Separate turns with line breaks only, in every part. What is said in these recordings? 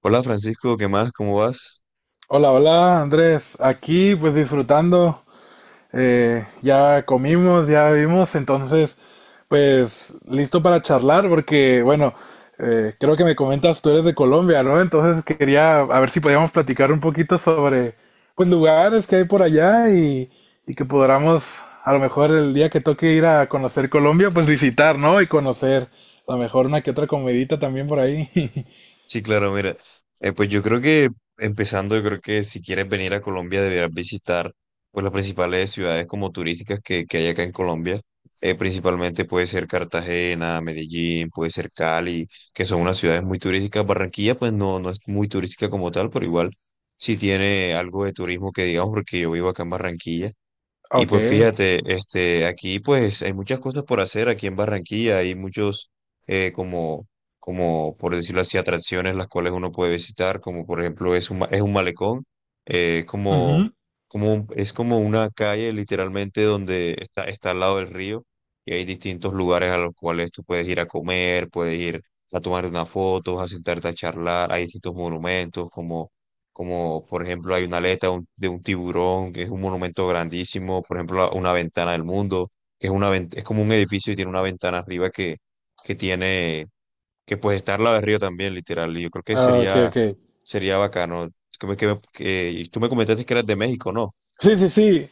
Hola Francisco, ¿qué más? ¿Cómo vas?
Hola, hola Andrés, aquí pues disfrutando, ya comimos, ya vimos, entonces pues listo para charlar porque bueno, creo que me comentas tú eres de Colombia, ¿no? Entonces quería a ver si podíamos platicar un poquito sobre pues lugares que hay por allá y que podamos a lo mejor el día que toque ir a conocer Colombia pues visitar, ¿no? Y conocer a lo mejor una que otra comidita también por ahí.
Sí, claro, mira, pues yo creo que empezando, yo creo que si quieres venir a Colombia deberás visitar pues las principales ciudades como turísticas que hay acá en Colombia. Principalmente puede ser Cartagena, Medellín, puede ser Cali, que son unas ciudades muy turísticas. Barranquilla pues no es muy turística como tal, pero igual sí tiene algo de turismo que digamos porque yo vivo acá en Barranquilla. Y
Ok.
pues fíjate, este, aquí pues hay muchas cosas por hacer aquí en Barranquilla, hay muchos como por decirlo así, atracciones las cuales uno puede visitar, como por ejemplo es un, es un malecón, es como,
Ujú.
es como una calle literalmente donde está al lado del río y hay distintos lugares a los cuales tú puedes ir a comer, puedes ir a tomar unas fotos, a sentarte a charlar, hay distintos monumentos como por ejemplo hay una aleta de un tiburón, que es un monumento grandísimo, por ejemplo una ventana del mundo, que es, una, es como un edificio y tiene una ventana arriba que tiene, que pues está al lado del río también, literal, y yo creo que
Ah, ok, ok.
sería bacano. Y tú me comentaste que eras de México, ¿no?
Sí, sí, sí.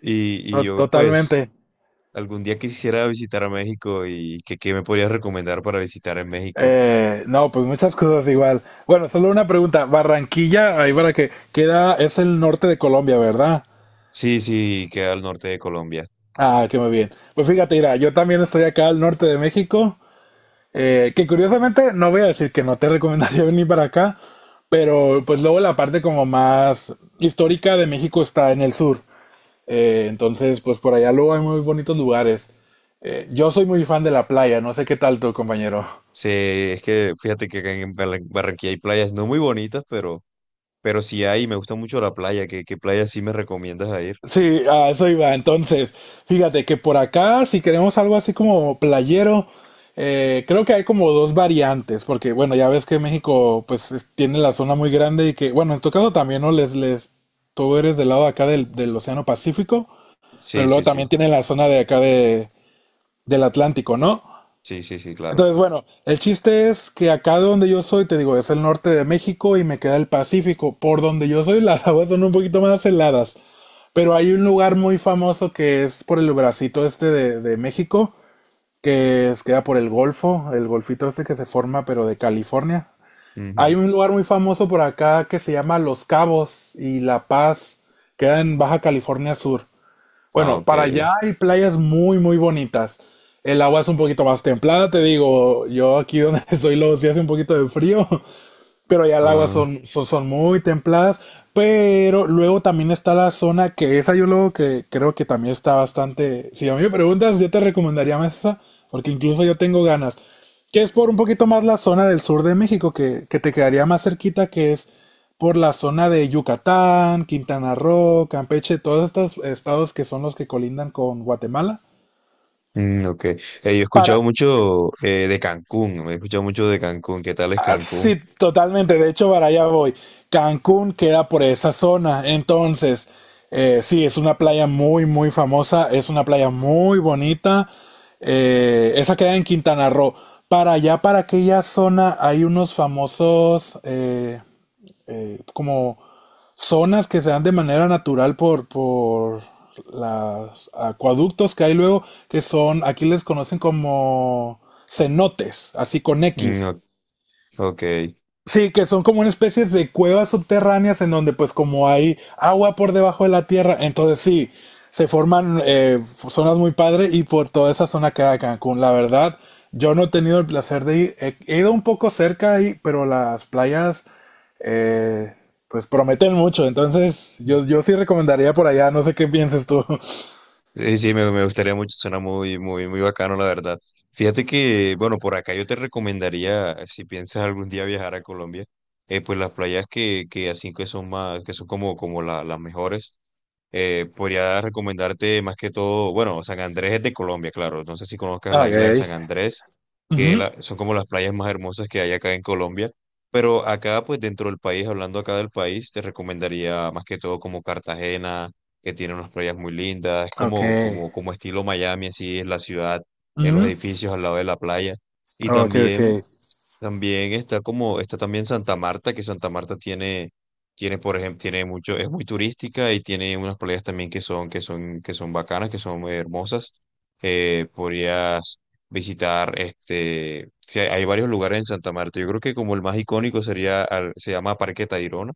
Y yo pues
Totalmente.
algún día quisiera visitar a México y qué me podrías recomendar para visitar en México.
No, pues muchas cosas igual. Bueno, solo una pregunta. Barranquilla, ahí para que queda, es el norte de Colombia, ¿verdad?
Sí, sí, queda al norte de Colombia.
Ah, qué muy bien. Pues fíjate, mira, yo también estoy acá al norte de México, que curiosamente no voy a decir que no te recomendaría venir para acá, pero pues luego la parte como más histórica de México está en el sur. Entonces, pues por allá luego hay muy bonitos lugares. Yo soy muy fan de la playa, no sé qué tal tu compañero.
Sí, es que fíjate que acá en Barranquilla hay playas no muy bonitas, pero sí hay, me gusta mucho la playa. ¿Qué, qué playa sí me recomiendas a ir?
Sí, a eso iba. Entonces, fíjate que por acá, si queremos algo así como playero, creo que hay como dos variantes, porque bueno, ya ves que México pues tiene la zona muy grande y que, bueno, en tu caso también, ¿no? Tú eres del lado de acá del Océano Pacífico,
Sí,
pero
sí,
luego también
sí,
tiene la zona de acá de, del Atlántico, ¿no?
sí, sí, sí, claro.
Entonces, bueno, el chiste es que acá de donde yo soy, te digo, es el norte de México y me queda el Pacífico. Por donde yo soy, las aguas son un poquito más heladas. Pero hay un lugar muy famoso que es por el bracito este de México, que queda por el Golfo, el golfito este que se forma, pero de California. Hay
Ujú.
un lugar muy famoso por acá que se llama Los Cabos y La Paz, queda en Baja California Sur.
Ah,
Bueno,
ok.
para allá hay playas muy, muy bonitas. El agua es un poquito más templada, te digo, yo aquí donde estoy lo sí hace un poquito de frío, pero ya el agua
Ah,
son muy templadas. Pero luego también está la zona que esa yo luego que creo que también está bastante. Si a mí me preguntas, yo te recomendaría más esa, porque incluso yo tengo ganas. Que es por un poquito más la zona del sur de México, que te quedaría más cerquita, que es por la zona de Yucatán, Quintana Roo, Campeche, todos estos estados que son los que colindan con Guatemala.
mm, ok. Yo he escuchado
Para,
mucho de Cancún, me he escuchado mucho de Cancún. ¿Qué tal es Cancún?
sí, totalmente. De hecho, para allá voy. Cancún queda por esa zona. Entonces, sí, es una playa muy, muy famosa. Es una playa muy bonita. Esa queda en Quintana Roo. Para allá, para aquella zona, hay unos famosos como zonas que se dan de manera natural por los acueductos que hay luego, que son, aquí les conocen como cenotes, así con
Mm,
X.
ok.
Sí, que son como una especie de cuevas subterráneas en donde pues como hay agua por debajo de la tierra, entonces sí, se forman zonas muy padres y por toda esa zona queda Cancún. La verdad, yo no he tenido el placer de ir, he ido un poco cerca ahí, pero las playas eh, pues prometen mucho, entonces yo sí recomendaría por allá, no sé qué pienses tú.
Sí, sí, me gustaría mucho, suena muy, muy, muy bacano, la verdad. Fíjate que, bueno, por acá yo te recomendaría, si piensas algún día viajar a Colombia, pues las playas que así que son más, que son como, las mejores, podría recomendarte más que todo, bueno, San Andrés es de Colombia, claro. No sé si conozcas la isla de San
Ok.
Andrés,
Ujú,
son como las playas más hermosas que hay acá en Colombia. Pero acá, pues dentro del país, hablando acá del país, te recomendaría más que todo como Cartagena, que tiene unas playas muy lindas. Es
ok.
como, como, como estilo Miami, así es la ciudad, los
Ujú,
edificios al lado de la playa. Y
ok. Ok.
también está como, está también Santa Marta, que Santa Marta tiene, por ejemplo, tiene mucho, es muy turística y tiene unas playas también que son, que son, que son bacanas, que son muy hermosas. Podrías visitar, este, sí, hay varios lugares en Santa Marta. Yo creo que como el más icónico se llama Parque Tayrona,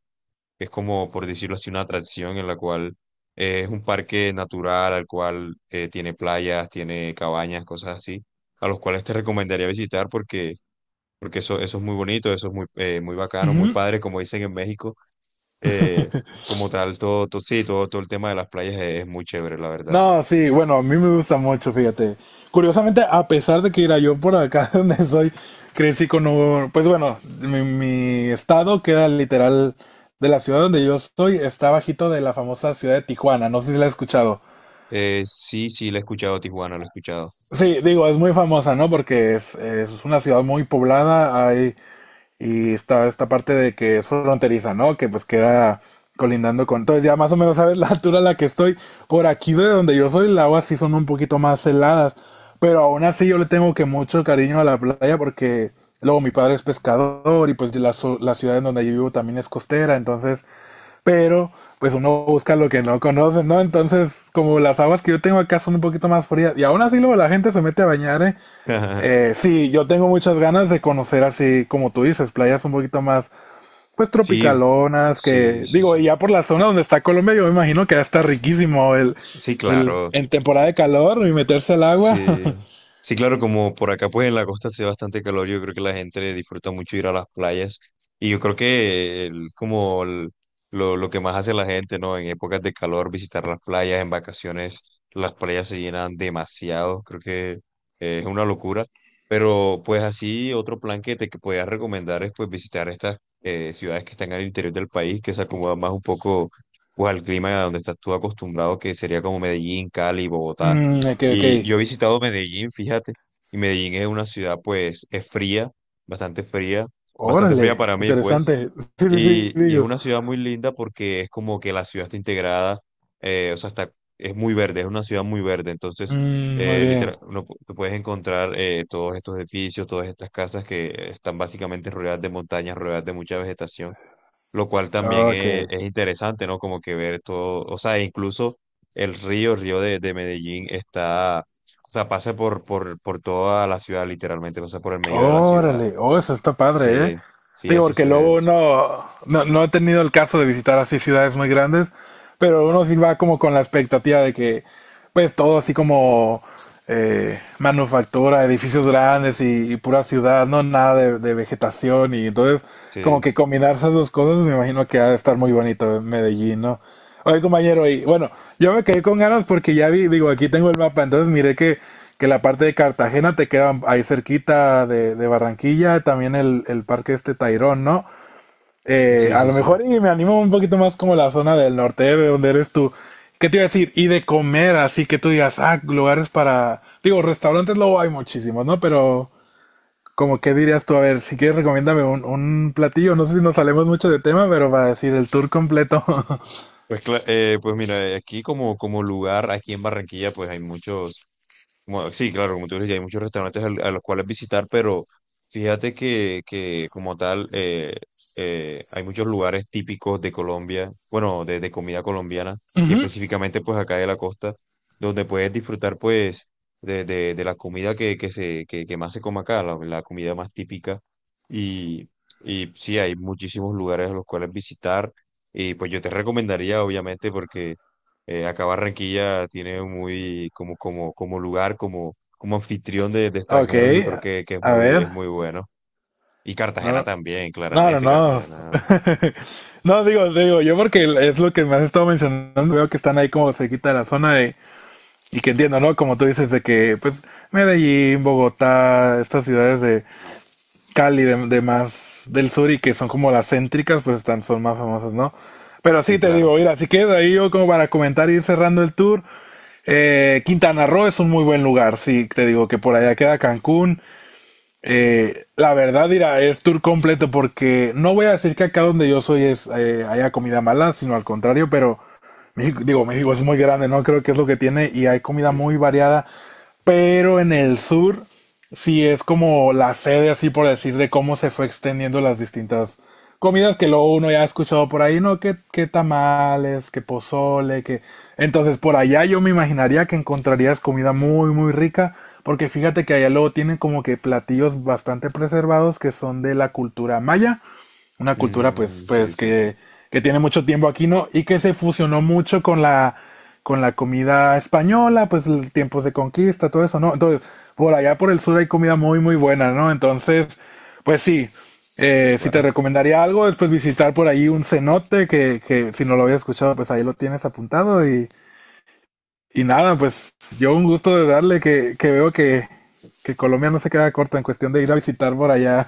que es como, por decirlo así, una atracción en la cual es un parque natural al cual tiene playas, tiene cabañas, cosas así, a los cuales te recomendaría visitar porque eso es muy bonito, eso es muy, muy bacano, muy
Ujú.
padre, como dicen en México. Eh, Como tal, todo, todo, sí, todo, todo el tema de las playas es muy chévere, la verdad.
No, sí, bueno, a mí me gusta mucho, fíjate. Curiosamente, a pesar de que era yo por acá donde soy, crecí con un, pues bueno, mi estado queda literal de la ciudad donde yo estoy, está bajito de la famosa ciudad de Tijuana, no sé si la has escuchado.
Sí, sí, lo he escuchado, Tijuana, lo he escuchado.
Sí, digo, es muy famosa, ¿no? Porque es una ciudad muy poblada, hay. Y está esta parte de que es fronteriza, ¿no? Que pues queda colindando con... Entonces ya más o menos sabes la altura a la que estoy. Por aquí de donde yo soy, el agua sí son un poquito más heladas. Pero aún así yo le tengo que mucho cariño a la playa porque luego mi padre es pescador y pues la ciudad en donde yo vivo también es costera. Entonces, pero pues uno busca lo que no conoce, ¿no? Entonces, como las aguas que yo tengo acá son un poquito más frías. Y aún así luego la gente se mete a bañar, ¿eh? Sí, yo tengo muchas ganas de conocer así, como tú dices, playas un poquito más, pues
Sí,
tropicalonas,
sí,
que
sí,
digo, y
sí.
ya por la zona donde está Colombia, yo me imagino que ya está riquísimo
Sí,
el,
claro.
en temporada de calor y meterse al agua.
Sí, sí, claro, como por acá pues en la costa hace bastante calor, yo creo que la gente disfruta mucho ir a las playas y yo creo que lo que más hace la gente, ¿no? En épocas de calor, visitar las playas, en vacaciones, las playas se llenan demasiado, creo que es una locura, pero pues así otro plan que te que podías recomendar es pues visitar estas ciudades que están al interior del país, que se acomodan más un poco pues al clima a donde estás tú acostumbrado, que sería como Medellín, Cali, Bogotá.
Mm, ok, ok.
Y yo he visitado Medellín, fíjate, y Medellín es una ciudad, pues, es fría, bastante fría, bastante fría
Órale,
para mí,
interesante. Sí, sí, sí,
y es
digo.
una ciudad muy linda porque es como que la ciudad está integrada, o sea, está, es muy verde, es una ciudad muy verde, entonces,
Mm, muy bien.
literal, tú puedes encontrar todos estos edificios, todas estas casas que están básicamente rodeadas de montañas, rodeadas de mucha vegetación, lo cual también
Ok.
es interesante, ¿no? Como que ver todo, o sea, incluso el río de Medellín o sea, pasa por toda la ciudad, literalmente, pasa por el medio de la ciudad.
Órale, oh, eso está padre, ¿eh?
Sí, sí,
Digo,
eso
porque luego
es,
uno, no he tenido el caso de visitar así ciudades muy grandes, pero uno sí va como con la expectativa de que, pues todo así como manufactura, edificios grandes y pura ciudad, no nada de vegetación y entonces como
sí,
que combinar esas dos cosas me imagino que ha de estar muy bonito en Medellín, ¿no? Oye, compañero, y bueno, yo me quedé con ganas porque ya vi, digo, aquí tengo el mapa, entonces miré que la parte de Cartagena te queda ahí cerquita de Barranquilla, también el parque este Tairón, ¿no?
sí,
A
sí,
lo
sí.
mejor y me animo un poquito más como la zona del norte de donde eres tú. ¿Qué te iba a decir? Y de comer, así que tú digas, ah, lugares para... Digo, restaurantes luego hay muchísimos, ¿no? Pero como qué dirías tú, a ver, si quieres recomiéndame un platillo, no sé si nos salemos mucho de tema, pero para decir el tour completo.
Pues, pues mira, aquí como, como lugar, aquí en Barranquilla, pues hay muchos, como- sí, claro, como tú dices, ya hay muchos restaurantes a los cuales visitar, pero fíjate que como tal, hay muchos lugares típicos de Colombia, bueno, de comida colombiana, y
Ujú.
específicamente pues acá de la costa, donde puedes disfrutar pues de la comida que más se come acá, la comida más típica, y, y sí, hay muchísimos lugares a los cuales visitar y pues yo te recomendaría, obviamente, porque acá Barranquilla tiene muy, como, como, como lugar, como, como anfitrión de
Ok,
extranjeros, yo creo que
a ver,
es muy bueno. Y Cartagena
no,
también,
no, no,
claramente,
no.
Cartagena.
No, digo, digo, yo porque es lo que me has estado mencionando, veo que están ahí como cerquita de la zona de, y que entiendo, ¿no? Como tú dices, de que, pues, Medellín, Bogotá, estas ciudades de Cali, de más del sur y que son como las céntricas, pues están, son más famosas, ¿no? Pero sí,
Sí,
te
claro.
digo, mira, si quieres ahí yo como para comentar ir cerrando el tour, Quintana Roo es un muy buen lugar, sí, te digo que por allá queda Cancún, la verdad, dirá, es tour completo porque no voy a decir que acá donde yo soy es haya comida mala, sino al contrario, pero México, digo, México es muy grande, ¿no? Creo que es lo que tiene y hay comida
Sí,
muy
sí.
variada. Pero en el sur sí es como la sede, así por decir, de cómo se fue extendiendo las distintas comidas que luego uno ya ha escuchado por ahí, ¿no? Que tamales, que pozole, que... Entonces por allá yo me imaginaría que encontrarías comida muy, muy rica, porque fíjate que allá luego tienen como que platillos bastante preservados que son de la cultura maya, una cultura pues,
Mm, sí,
pues
sí, sí.
que tiene mucho tiempo aquí, ¿no? Y que se fusionó mucho con la comida española, pues tiempos de conquista, todo eso, ¿no? Entonces, por allá por el sur hay comida muy, muy buena, ¿no? Entonces, pues sí, si te
Bueno,
recomendaría algo, es pues visitar por ahí un cenote, que si no lo habías escuchado, pues ahí lo tienes apuntado y nada, pues yo un gusto de darle que veo que Colombia no se queda corta en cuestión de ir a visitar por allá.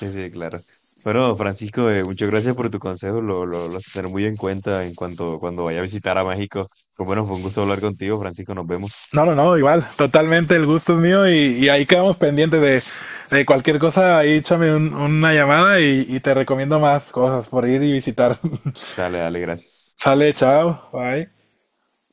sí, sí, claro. Bueno, Francisco, muchas gracias por tu consejo. Lo tendré muy en cuenta en cuanto cuando vaya a visitar a México. Pues bueno, fue un gusto hablar contigo, Francisco. Nos vemos.
No, no, no, igual, totalmente el gusto es mío y ahí quedamos pendientes de cualquier cosa, ahí échame una llamada y te recomiendo más cosas por ir y visitar.
Dale, dale, gracias.
Sale, chao, bye.